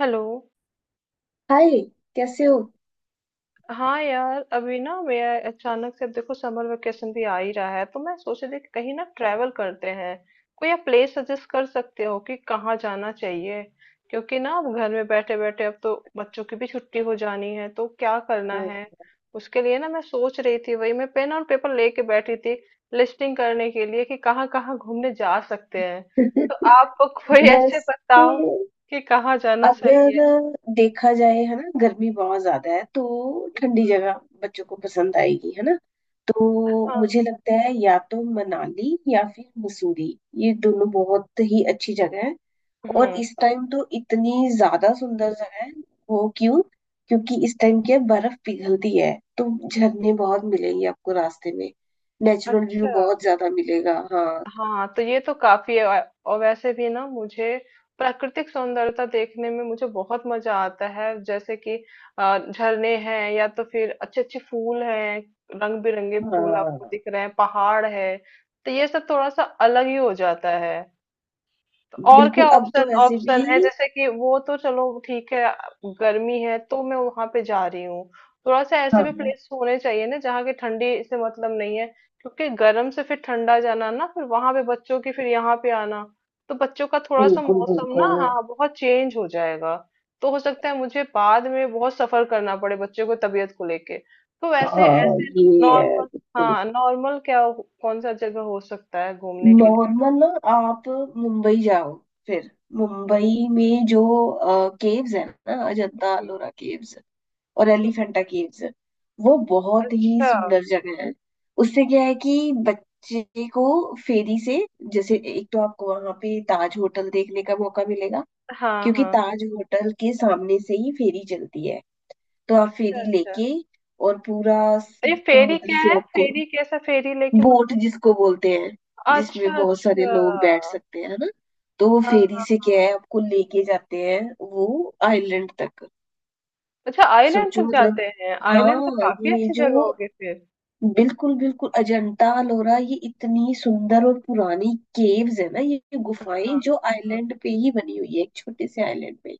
Hello. Hi कैसे हो। हाँ यार, अभी ना मैं अचानक से, अब देखो समर वेकेशन भी आ ही रहा है तो मैं सोच रही थी कि कहीं ना ट्रैवल करते हैं। कोई आप प्लेस सजेस्ट कर सकते हो कि कहाँ जाना चाहिए? क्योंकि ना अब घर में बैठे बैठे, अब तो बच्चों की भी छुट्टी हो जानी है तो क्या करना हाँ। है। उसके लिए ना मैं सोच रही थी, वही मैं पेन और पेपर लेके बैठी थी लिस्टिंग करने के लिए कि कहाँ कहाँ घूमने जा सकते हैं। तो आप कोई ऐसे वैसे बताओ कि कहाँ जाना सही अगर है। देखा जाए है ना गर्मी बहुत ज्यादा है तो ठंडी हम्म। जगह बच्चों को पसंद आएगी है ना। तो हाँ। मुझे लगता है या तो मनाली या फिर मसूरी, ये दोनों बहुत ही अच्छी जगह है। और हम्म। इस टाइम तो इतनी ज्यादा सुंदर जगह है। वो क्यों, क्योंकि इस टाइम क्या है, बर्फ पिघलती है, तो झरने बहुत मिलेंगे आपको रास्ते में। नेचुरल व्यू अच्छा। बहुत ज्यादा मिलेगा। हाँ, हाँ तो ये तो काफी है। और वैसे भी ना मुझे प्राकृतिक सौंदर्यता देखने में मुझे बहुत मजा आता है, जैसे कि झरने हैं या तो फिर अच्छे अच्छे फूल हैं, रंग बिरंगे फूल आपको हाँ दिख रहे हैं, पहाड़ है तो ये सब थोड़ा सा अलग ही हो जाता है। तो और क्या बिल्कुल। अब तो ऑप्शन वैसे भी ऑप्शन है? जैसे कि वो तो चलो ठीक है। गर्मी है तो मैं वहां पे जा रही हूँ, थोड़ा सा ऐसे भी हाँ प्लेस होने चाहिए ना जहाँ की ठंडी से मतलब नहीं है। क्योंकि गर्म से फिर ठंडा जाना ना, फिर वहां पे बच्चों की, फिर यहाँ पे आना, तो बच्चों का थोड़ा सा बिल्कुल मौसम ना, बिल्कुल। हाँ, बहुत चेंज हो जाएगा। तो हो सकता है मुझे बाद में बहुत सफर करना पड़े बच्चों को तबीयत को लेके। तो वैसे हाँ ऐसे ये है नॉर्मल, बिल्कुल। हाँ नॉर्मल क्या कौन सा जगह हो सकता है घूमने के लिए? नॉर्मल ना, आप मुंबई जाओ। फिर मुंबई में जो केव्स है ना, अजंता हम्म। एलोरा केव्स और हम्म। एलिफेंटा केव्स, वो बहुत ही अच्छा। सुंदर जगह है। उससे क्या है कि बच्चे को फेरी से, जैसे एक तो आपको वहां पे ताज होटल देखने का मौका मिलेगा हाँ, क्योंकि हाँ। ताज होटल के सामने से ही फेरी चलती है। तो आप अच्छा, फेरी अच्छा। लेके और पूरा ये फेरी समुद्र क्या से है? आपको, फेरी कैसा? फेरी लेके बोट मतलब? जिसको बोलते हैं, जिसमें अच्छा, बहुत अच्छा। सारे लोग बैठ सकते हैं है ना। तो वो हाँ, फेरी हाँ। से क्या है, आपको लेके जाते हैं वो आइलैंड तक। अच्छा, आइलैंड सोचो तक मतलब, जाते हैं। आइलैंड तो हाँ काफ़ी ये अच्छी जो जगह होगी फिर। बिल्कुल बिल्कुल अजंता अलोरा, ये इतनी सुंदर और पुरानी केव्स है ना, ये हाँ, गुफाएं जो हाँ। आइलैंड पे ही बनी हुई है, एक छोटे से आइलैंड पे।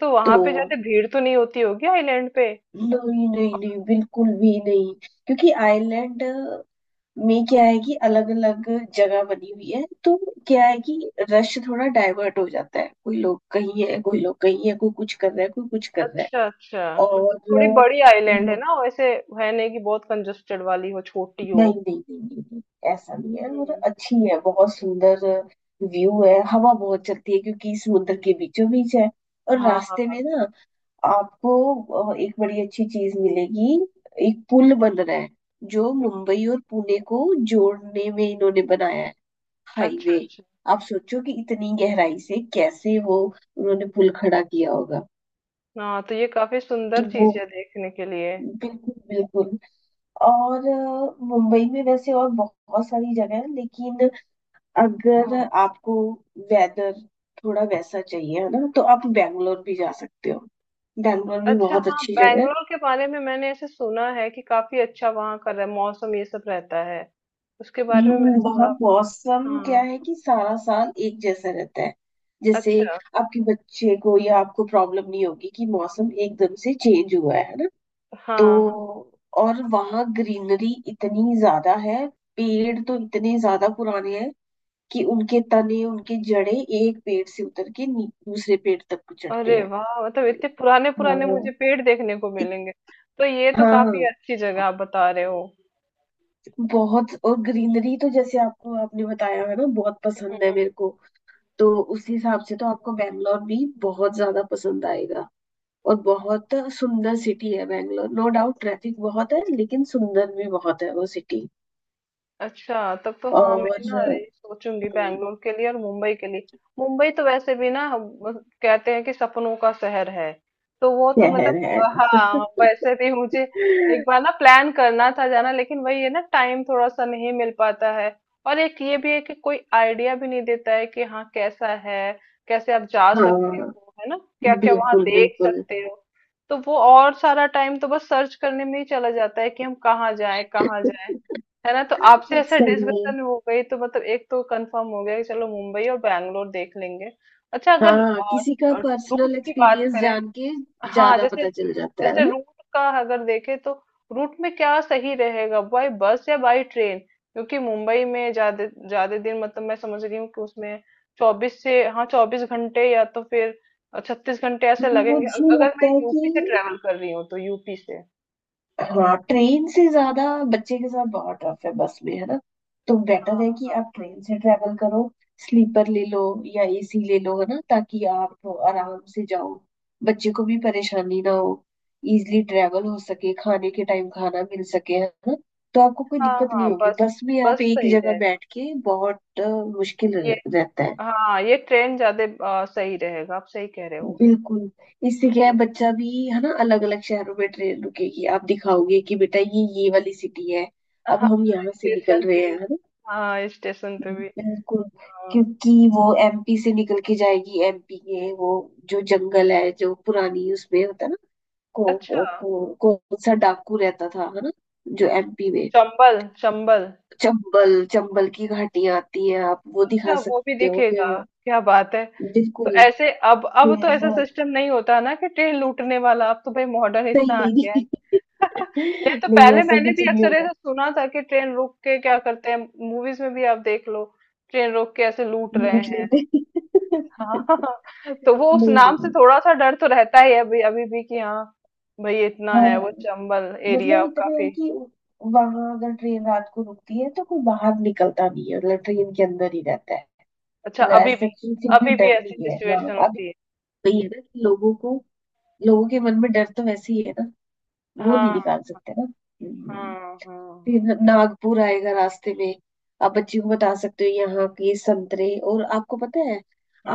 तो वहाँ तो पे जाते भीड़ तो नहीं होती होगी आइलैंड पे? नहीं नहीं नहीं, बिल्कुल भी नहीं, क्योंकि आइलैंड में क्या है कि अलग अलग जगह बनी हुई है। तो क्या है कि रश थोड़ा डाइवर्ट हो जाता है, कोई लोग कहीं है, कोई लोग कहीं है, कोई कुछ कर रहा है, कोई कुछ कर रहा है। अच्छा, अच्छा। मतलब थोड़ी और बड़ी आइलैंड है अम, ना, वैसे है नहीं कि बहुत कंजस्टेड वाली हो, छोटी हो। नहीं नहीं नहीं नहीं नहीं, ऐसा नहीं है, और हुँ। अच्छी है, बहुत सुंदर व्यू है, हवा बहुत चलती है क्योंकि समुद्र के बीचों बीच है। और रास्ते में हाँ। ना आपको एक बड़ी अच्छी चीज मिलेगी। एक पुल बन रहा है जो मुंबई और पुणे को जोड़ने में इन्होंने बनाया है, अच्छा, हाईवे। अच्छा। आप सोचो कि इतनी गहराई से कैसे वो उन्होंने पुल खड़ा किया होगा। हाँ, तो ये काफ़ी सुंदर तो वो चीज़ है देखने के लिए। बिल्कुल बिल्कुल, और मुंबई में वैसे और बहुत सारी जगह है, लेकिन अगर हाँ आपको वेदर थोड़ा वैसा चाहिए है ना, तो आप बैंगलोर भी जा सकते हो। बैंगलोर भी अच्छा बहुत हाँ, अच्छी जगह है। बैंगलोर के बारे में मैंने ऐसे सुना है कि काफी अच्छा वहाँ का मौसम ये सब रहता है। उसके बारे में मैंने वहाँ थोड़ा बहुत। मौसम क्या हाँ। है कि सारा साल एक जैसा रहता है। जैसे अच्छा। आपके बच्चे को या आपको प्रॉब्लम नहीं होगी कि मौसम एकदम से चेंज हुआ है। तो हाँ, हाँ। और वहाँ ग्रीनरी इतनी ज्यादा है, पेड़ तो इतने ज्यादा पुराने हैं कि उनके तने उनके जड़े एक पेड़ से उतर के दूसरे पेड़ तक चढ़ते अरे हैं। वाह, मतलब इतने पुराने पुराने हाँ मुझे पेड़ देखने को इत, मिलेंगे। तो ये तो हाँ काफी अच्छी जगह आप बता रहे हो। बहुत। और ग्रीनरी तो जैसे आपको, आपने बताया है ना, बहुत पसंद है मेरे को, तो उस हिसाब से तो आपको बैंगलोर भी बहुत ज्यादा पसंद आएगा। और बहुत सुंदर सिटी है बैंगलोर, नो डाउट ट्रैफिक बहुत है, लेकिन सुंदर भी बहुत है वो सिटी। अच्छा, तब तो हाँ मैं और ना ये सोचूंगी हम्म, बैंगलोर के लिए और मुंबई के लिए। मुंबई तो वैसे भी ना हम कहते हैं कि सपनों का शहर है, तो वो तो शहर है। मतलब हाँ वैसे भी मुझे एक बार ना प्लान करना था जाना, लेकिन वही है ना, टाइम थोड़ा सा नहीं मिल पाता है। और एक ये भी है कि कोई आइडिया भी नहीं देता है कि हाँ कैसा है, कैसे आप जा सकते हाँ हो है ना, क्या क्या वहाँ बिल्कुल देख बिल्कुल। सकते हो। तो वो, और सारा टाइम तो बस सर्च करने में ही चला जाता है कि हम कहाँ जाएं कहाँ जाएं। है ना, तो आपसे ऐसा सही है। डिस्कशन हो गई तो मतलब एक तो कंफर्म हो गया कि चलो मुंबई और बैंगलोर देख लेंगे। अच्छा, अगर हाँ किसी का पर्सनल रूट की बात एक्सपीरियंस करें। जान के हाँ, ज्यादा जैसे पता चल जाता है जैसे ना। रूट का अगर देखें तो रूट में क्या सही रहेगा, बाय बस या बाय ट्रेन? क्योंकि मुंबई में ज्यादा ज्यादा दिन, मतलब मैं समझ रही हूँ कि उसमें 24 से, हाँ, 24 घंटे या तो फिर 36 घंटे ऐसे लगेंगे। मुझे अगर मैं लगता है यूपी से कि ट्रेवल कर रही हूँ तो यूपी से। हाँ ट्रेन से, ज्यादा बच्चे के साथ बहुत टफ है बस में है ना, तो बेटर हाँ है कि आप हाँ। ट्रेन से ट्रेवल करो। स्लीपर ले लो या एसी ले लो है ना, ताकि आप हाँ। आराम से जाओ, बच्चे को भी परेशानी ना हो, इजली ट्रेवल हो सके, खाने के टाइम खाना मिल सके है ना। तो आपको कोई हाँ दिक्कत हाँ, नहीं होगी। बस, बस में बस आप एक सही जगह रहेगा बैठ के बहुत मुश्किल ये। रहता है। हाँ ये ट्रेन ज्यादा सही रहेगा, आप सही कह रहे हो। बिल्कुल। इससे क्या है, हाँ। बच्चा भी है ना, अलग अलग शहरों में ट्रेन रुकेगी, आप दिखाओगे कि बेटा ये वाली सिटी है, अब हाँ, हम यहाँ से निकल स्टेशन पे। रहे हैं है ना। हाँ स्टेशन पे भी। बिल्कुल, अ, क्योंकि वो एमपी से निकल के जाएगी। एमपी के वो जो जंगल है, जो पुरानी उसमें होता है ना, अच्छा। कौन सा डाकू रहता था है ना, जो एमपी में, चंबल चंबल। चंबल चंबल की घाटियां आती हैं, आप वो अच्छा दिखा वो भी सकते हो दिखेगा। फिर। क्या बात है। तो बिल्कुल। ऐसे अब फिर तो ऐसा सिस्टम नहीं होता ना कि ट्रेन लूटने वाला, अब तो भाई मॉडर्न इतना नहीं आ नहीं गया है। नहीं। नहीं, तो नहीं पहले ऐसा मैंने कुछ भी नहीं, अक्सर ऐसा सुना था कि ट्रेन रोक के क्या करते हैं। मूवीज में भी आप देख लो, ट्रेन रोक के ऐसे लूट रहे रख हैं। लेते हैं। हाँ तो वो उस नहीं नाम से नहीं, थोड़ा सा डर तो रहता ही है अभी, अभी भी, कि हाँ भाई इतना हाँ है वो चंबल एरिया मतलब इतना है काफी। कि वहां अगर ट्रेन रात को रुकती है तो कोई बाहर निकलता नहीं है, मतलब ट्रेन के अंदर ही रहता है। अच्छा, मतलब अभी भी? ऐसा किसी से भी अभी भी डर ऐसी नहीं है हाँ सिचुएशन अभी। होती है? वही है ना कि लोगों को, लोगों के मन में डर तो वैसे ही है ना, वो हाँ नहीं निकाल सकते ना। हाँ। हाँ हाँ। फिर नागपुर आएगा रास्ते में, आप बच्ची को बता सकते हो यहाँ के संतरे, और आपको पता है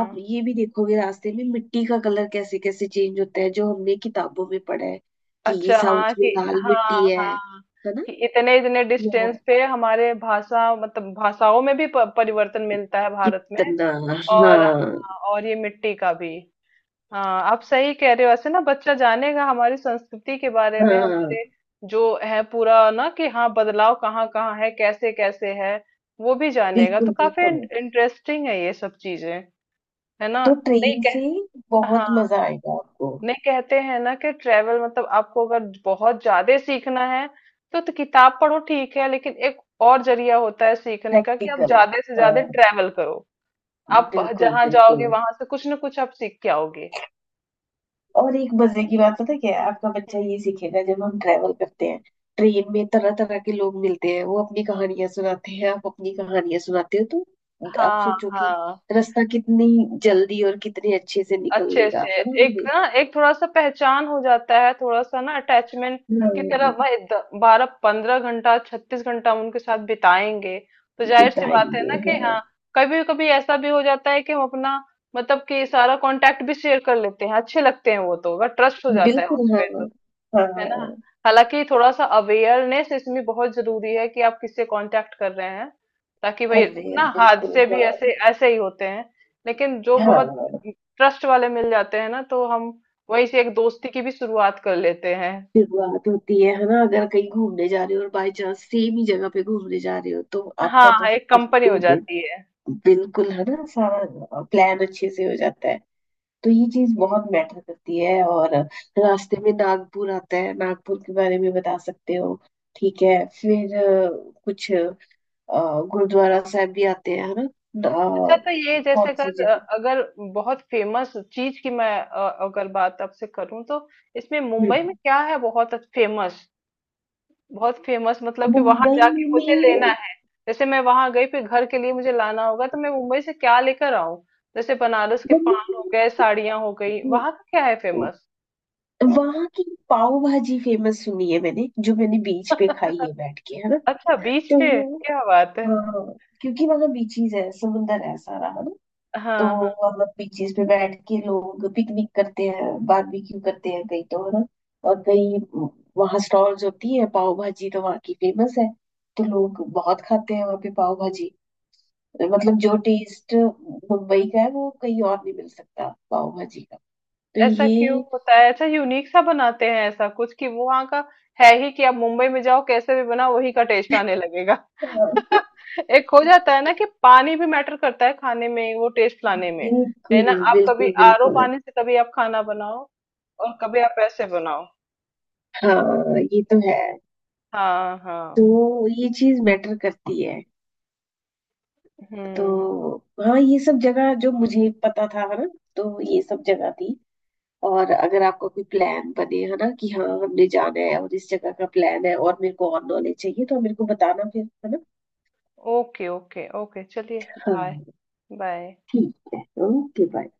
आप ये भी देखोगे रास्ते में मिट्टी का कलर कैसे कैसे चेंज होता है, जो हमने किताबों में पढ़ा है कि अच्छा हाँ साउथ में कि लाल हाँ मिट्टी है हाँ, है ना। कि इतने इतने डिस्टेंस यहाँ पे हमारे भाषा, मतलब भाषाओं में भी परिवर्तन मिलता है भारत में। कितना, और हाँ हाँ, और ये मिट्टी का भी। हाँ आप सही कह रहे हो, ऐसे ना बच्चा जानेगा हमारी संस्कृति के बारे में, हाँ हमारे जो है पूरा ना, कि हाँ बदलाव कहाँ कहाँ है, कैसे कैसे है वो भी जानेगा। बिल्कुल तो काफी बिल्कुल। इंटरेस्टिंग है ये सब चीजें, है ना। तो नहीं ट्रेन से कह हाँ, बहुत मजा आएगा आपको। नहीं कहते हैं ना कि ट्रेवल मतलब आपको अगर बहुत ज्यादा सीखना है तो किताब पढ़ो ठीक है, लेकिन एक और जरिया होता है सीखने का कि आप प्रैक्टिकल, ज्यादा से ज्यादा हाँ ट्रेवल करो। आप बिल्कुल जहां बिल्कुल। जाओगे वहां से कुछ ना कुछ आप सीख के आओगे। और एक मजे की बात पता क्या है, आपका बच्चा ये सीखेगा। जब हम ट्रेवल करते हैं ट्रेन में, तरह तरह के लोग मिलते हैं, वो अपनी कहानियां सुनाते हैं, आप अपनी कहानियां सुनाते हो, तो आप हाँ सोचो कि हाँ। रास्ता कितनी जल्दी और कितने अच्छे से निकल अच्छे लेगा से है ना एक हमें। ना एक थोड़ा सा पहचान हो जाता है, थोड़ा सा ना अटैचमेंट की तरह। हाँ, भाई 12 15 घंटा, 36 घंटा हम उनके साथ बिताएंगे, तो जाहिर सी बात है बिताएंगे ना कि हाँ। हाँ कभी कभी ऐसा भी हो जाता है कि हम अपना, मतलब कि सारा कांटेक्ट भी शेयर कर लेते हैं, अच्छे लगते हैं वो तो, अगर ट्रस्ट हो जाता है बिल्कुल हाँ। उनपे, है ना। हाँ हालांकि थोड़ा सा अवेयरनेस इसमें बहुत जरूरी है कि आप किससे कांटेक्ट कर रहे हैं, ताकि भाई कर रहे ना हैं बिल्कुल हादसे भी हाँ। ऐसे ऐसे ही होते हैं। लेकिन जो हाँ, बहुत ट्रस्ट वाले मिल जाते हैं ना, तो हम वहीं से एक दोस्ती की भी शुरुआत कर लेते हैं। शुरुआत होती है ना, अगर कहीं घूमने जा रहे हो और बाय चांस सेम ही जगह पे घूमने जा रहे हो, तो हाँ आपका तो हाँ, एक फिर कंपनी हो टूर, जाती है। बिल्कुल है ना, सारा प्लान अच्छे से हो जाता है। तो ये चीज हम्म। बहुत मैटर करती है। और रास्ते में नागपुर आता है, नागपुर के बारे में बता सकते हो। ठीक है फिर कुछ गुरुद्वारा साहब भी आते हैं है ना, अच्छा, तो ये जैसे कौन सी अगर जगह। अगर बहुत फेमस चीज की मैं, अगर बात आपसे करूं तो इसमें मुंबई में हम्म, क्या है बहुत फेमस, बहुत फेमस, मतलब कि वहां मुंबई जाके में, मुझे लेना है, जैसे मैं वहां गई फिर घर के लिए मुझे लाना होगा तो मैं मुंबई से क्या लेकर आऊं? जैसे बनारस के पान हो मुंबई, गए, साड़ियां हो गई, वहां का क्या है फेमस? वहां की पाव भाजी फेमस, सुनी है मैंने, जो मैंने बीच पे खाई है बैठ के है ना। अच्छा बीच तो पे, क्या बात है। हाँ, क्योंकि मतलब बीचीज है, समुंदर है, सारा है ना। तो हाँ हाँ। मतलब बीचीज पे बैठ के लोग पिकनिक करते हैं, बारबेक्यू करते हैं कई तो है ना। और कई वहाँ स्टॉल्स होती है, पाव भाजी तो वहाँ की फेमस है, तो लोग बहुत खाते हैं वहाँ पे पाव भाजी। मतलब जो टेस्ट मुंबई का है वो कहीं और नहीं मिल सकता पाव भाजी का। तो ऐसा क्यों ये होता है? ऐसा यूनिक सा बनाते हैं ऐसा कुछ कि वो वहाँ का है ही कि आप मुंबई में जाओ कैसे भी बनाओ वही का टेस्ट आने लगेगा। एक हो जाता है ना कि पानी भी मैटर करता है खाने में वो टेस्ट लाने में, है बिल्कुल ना? आप कभी बिल्कुल आरओ बिल्कुल। पानी से, कभी आप खाना बनाओ, और कभी आप ऐसे बनाओ। हाँ ये तो है। हाँ हाँ। तो ये चीज मैटर करती है। हम्म। तो हाँ ये सब जगह जो मुझे पता था है ना, तो ये सब जगह थी। और अगर आपका कोई प्लान बने है ना कि हाँ हमने जाना है और इस जगह का प्लान है और मेरे को और नॉलेज चाहिए, तो आप मेरे को बताना फिर है ना। ओके ओके ओके, चलिए। बाय। हाँ बाय। ठीक है ओके बाय।